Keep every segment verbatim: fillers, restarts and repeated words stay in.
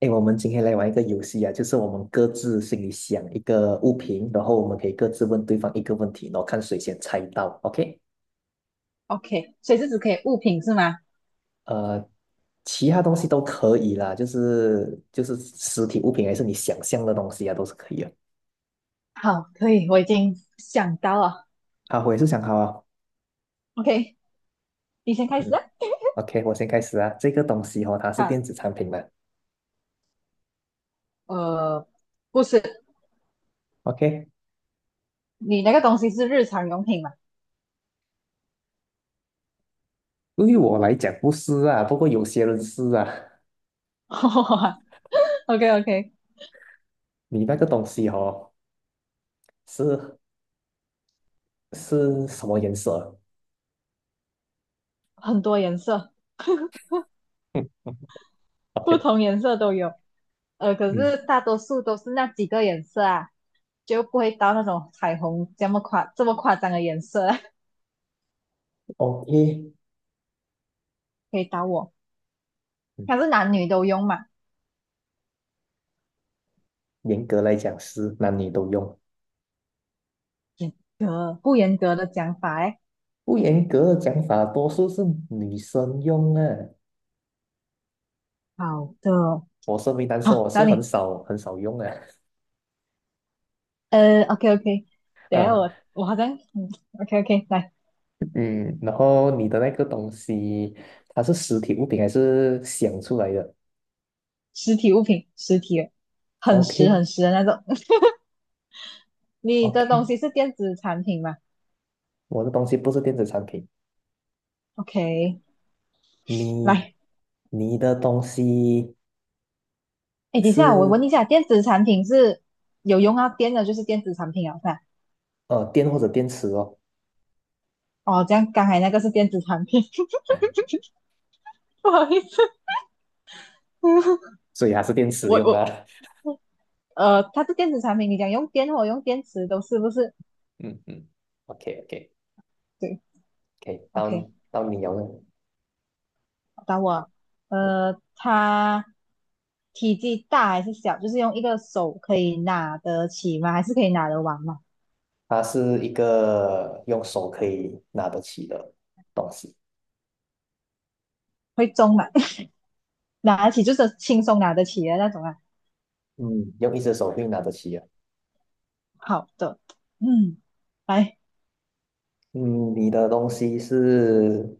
哎，我们今天来玩一个游戏啊，就是我们各自心里想一个物品，然后我们可以各自问对方一个问题，然后看谁先猜到。OK，OK，所以是只可以物品是吗？呃，其他东西都可以啦，就是就是实体物品还是你想象的东西啊，都是可以的。好，可以，我已经想到了，好，我也是想好啊。？OK，你先开始嗯啊。，OK，我先开始啊。这个东西哦，它是好，电子产品嘛。呃，不是，OK，你那个东西是日常用品嘛？ 对于我来讲不是啊，不过有些人是啊。？OK OK，你那个东西哦，是是什么颜色？很多颜色，嗯不，OK，同颜色都有，呃，可嗯是大多数都是那几个颜色啊，就不会到那种彩虹这么夸这么夸张的颜色啊。，OK。可以到我。嗯它是男女都用嘛？严格来讲是男女都用，呃，不严格的讲法哎。不严格的讲法，多数是女生用啊。好的，我身为男生，好，我是到很你。少很少用啊，呃，OK OK，等一下啊，我我好像嗯，OK OK，来，嗯，然后你的那个东西，它是实体物品还是想出来的实体物品，实体的，很实？OK 很实的那种。你的 OK,东西是电子产品吗我的东西不是电子产品，？OK，你来，你的东西哎，等一下我问是一下，电子产品是有用到电的，就是电子产品啊，看，呃电或者电池哦，哦，这样刚才那个是电子产品。不好意思。所以还是电池我用的我啊，呃，它是电子产品，你讲用电或用电池都是不是？嗯嗯，OK OK 对 OK，，OK，到到你用了。找我，呃，它体积大还是小？就是用一个手可以拿得起吗？还是可以拿得完吗？它是一个用手可以拿得起的东西，会重吗？拿得起就是轻松拿得起的那种啊。嗯，用一只手可以拿得起啊。好的，嗯，来，嗯，你的东西是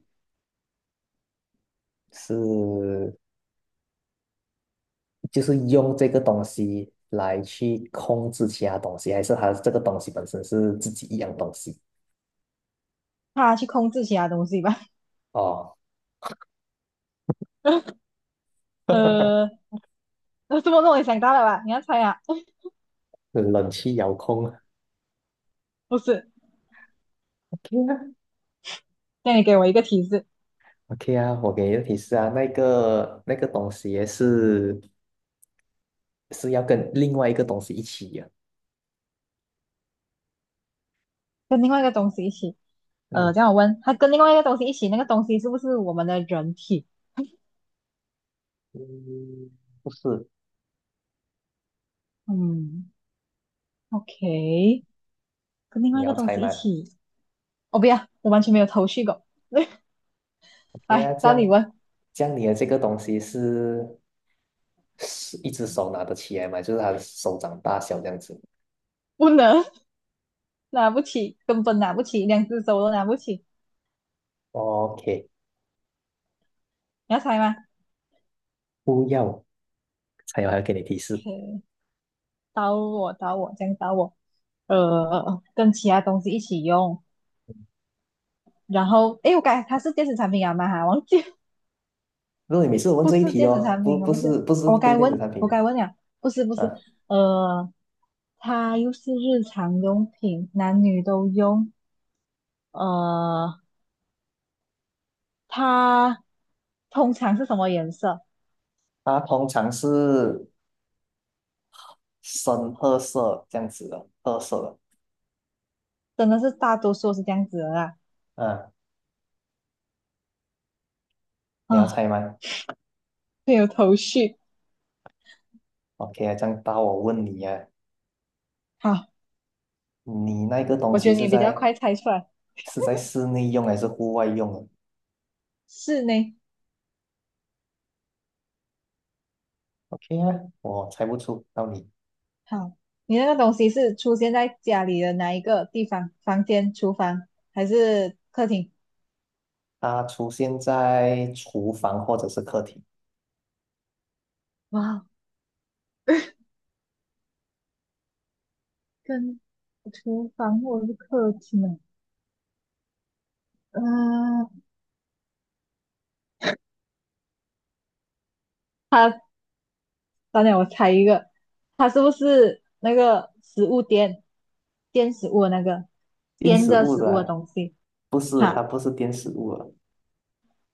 是就是用这个东西来去控制其他东西，还是它这个东西本身是自己一样东西？他去控制其他东西吧。哦，呃，那这么弄也想到了吧？你要猜啊？冷气遥控 不是，，OK 啊那你给我一个提示，，OK 啊，我给你个提示啊，那个那个东西也是是要跟另外一个东西一起呀。跟另外一个东西一起。呃，嗯，这样我问，他，跟另外一个东西一起，那个东西是不是我们的人体？嗯，不是，嗯，OK，跟另外你一个要东猜西吗一起。我不要，我完全没有头绪过。？OK 啊，来，这到你样，问，这样你的这个东西是是一只手拿得起来吗？就是它的手掌大小这样子。不能拿不起，根本拿不起，两只手都拿不起。OK，你要猜吗不要，还有还要给你提示。？OK，到我，到我，这样到我。呃，跟其他东西一起用。然后，诶，我该它是电子产品啊吗？哈，忘记，如果你每次问不这一是题电子哦，产不品，啊，不不是。是不是哦我不是该电子问，产我品，该问了，不是不是。嗯、呃，它又是日常用品，男女都用。呃，它通常是什么颜色？它通常是深褐色这样子的，褐色的。真的是大多数是这样子的啦，嗯、你要猜啊，吗没有头绪。？OK 啊，这样到我问你啊，好，你那个东我觉西得你是比较在快猜出来，是在室内用还是户外用啊是呢。？OK 啊，我猜不出，到你。好，你那个东西是出现在家里的哪一个地方？房间、厨房还是客厅？它出现在厨房或者是客厅，哇，跟厨房或者是客厅啊？嗯、它，当然我猜一个，它是不是那个食物垫，垫食物的那个，电垫食着物食的物的啊东西？不是，它哈。不是电食物了，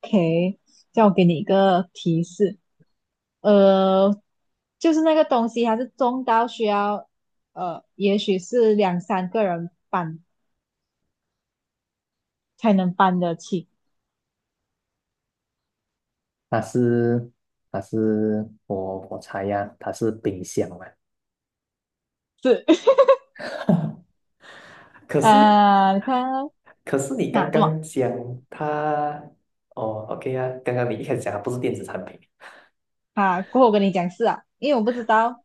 OK，叫我给你一个提示，呃，就是那个东西它是重到需要，呃，也许是两三个人搬才能搬得起。它是它是我我猜呀，它是冰箱啊。是，可是啊，你看哦可是你啊，刚这么刚讲它，哦，OK 啊，刚刚你一开始讲它不是电子产品，啊，过后我跟你讲是啊，因为我不知道，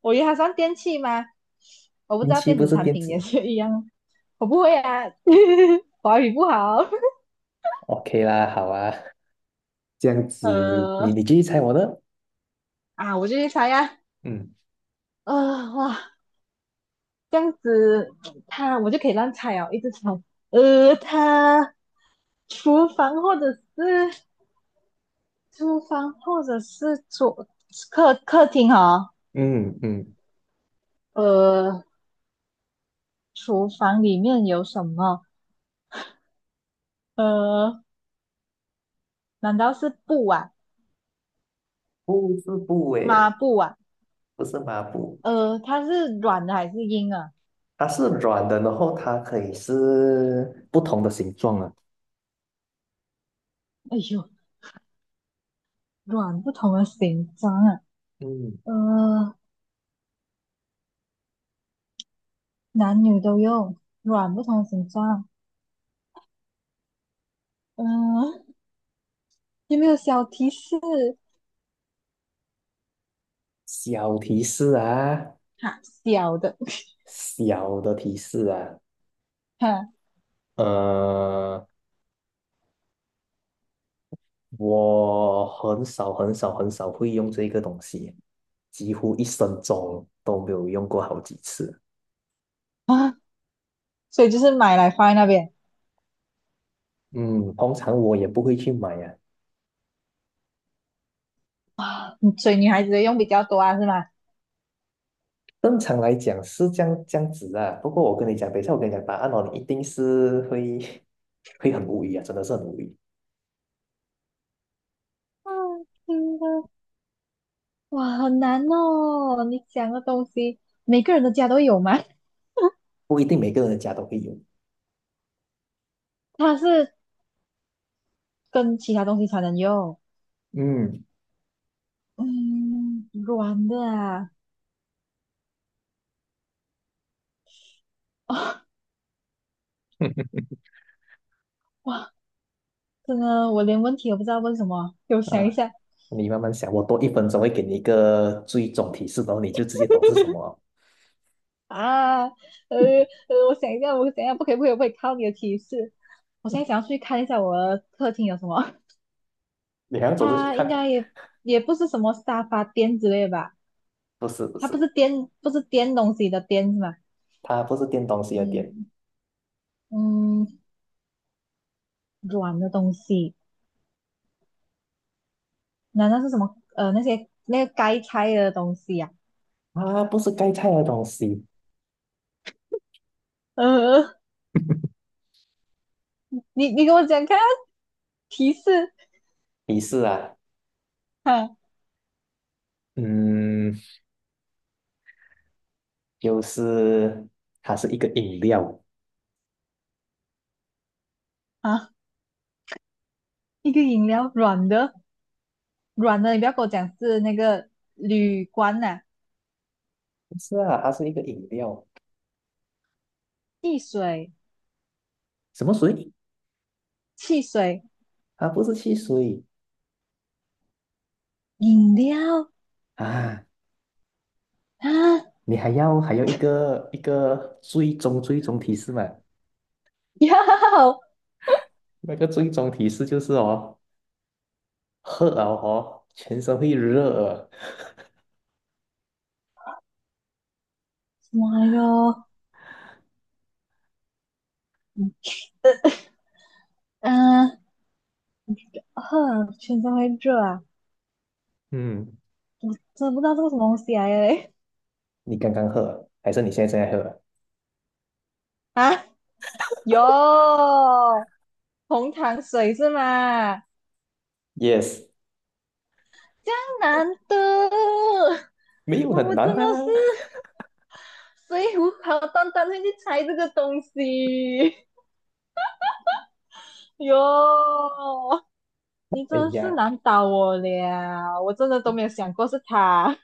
我以为它算电器吗？我不知电道器电不子是产电品也子是一样，我不会啊。华语不好。？OK 啦，好啊，这样 呃，子你你继续猜我的。啊，我就去猜呀、啊，嗯呃，哇。这样子，他我就可以乱猜哦，一直猜。呃，他厨房或者是厨房或者是桌客客厅哦，嗯嗯，呃，厨房里面有什么？呃，难道是布啊，不是布抹诶，布啊？不是抹布，呃，它是软的还是硬啊？它是软的，然后它可以是不同的形状啊。哎呦，软不同的形状啊，嗯，呃，男女都用，软不同的形状，嗯、有没有小提示？小提示啊，哈，小的。小的提示啊，哼呃，我很少很少很少会用这个东西，几乎一生中都没有用过好几次。啊，所以就是买来放在那边，嗯，通常我也不会去买呀、啊嗯所以女孩子的用比较多啊，是吗？正常来讲是这样这样子啊，不过我跟你讲，等一下我跟你讲答案哦，你一定是会 会很无语啊，真的是很无语，啊，真的，哇，好难哦！你讲的东西，每个人的家都有吗？不一定每个人的家都会有。它是跟其他东西才能用，嗯，嗯，软的啊，哦，哇，真的，我连问题都不知道问什么，给我想一啊，下你慢慢想，我多一分钟会给你一个最终提示，然后你就直接懂是什么了啊，呃呃，我想一下，我想一下，不可以，不可以，不可以，靠你的提示，我现在想要去看一下我的客厅有什么。你还要 走出去它应看，该也也不是什么沙发垫之类的吧？不是不它是，不是颠，不是颠东西的颠是吧？它不是电东西的电，嗯嗯，软的东西，难道是什么？呃，那些那个该拆的东西呀、它不是盖菜的东西。呃，你你给我讲看啊提示提示啊，啊嗯，就是它是一个饮料，啊，一个饮料软的软的，你不要跟我讲是那个铝罐呐、不是啊，它是一个饮料，汽水什么水？汽水它不是汽水饮料啊。啊，你还要还要一个一个最终最终提示嘛？要那个最终提示就是哦，喝了哦，全身会热啊。什么来着？嗯、啊，呵全身会热啊，嗯，我真的不知道这个什么东西来的嘞你刚刚喝啊，还是你现在正在喝 啊。哟，红糖水是吗？y e s 江南的，没有很我难真的是，啊。所以我好端端会去猜这个东西。哟，你哎真的是呀，难倒我了，我真的都没有想过是他。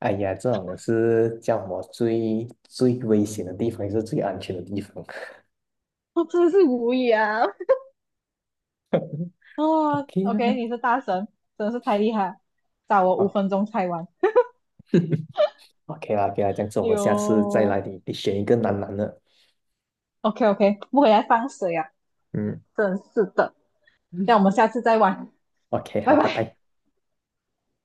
哎呀，这种是叫我最最危险的地方，也是最安全的地方。我真的是无语啊。哦 OK ，OK，啊你是大神，真的是太厉害，找我五分钟猜完。，OK，OK 啦，OK 啦，这样子我哎们下次再来呦你，你选一个难难的。，OK OK，不回来放水啊，嗯真是的。嗯，那我们下次再玩。，OK，拜好，拜拜。拜。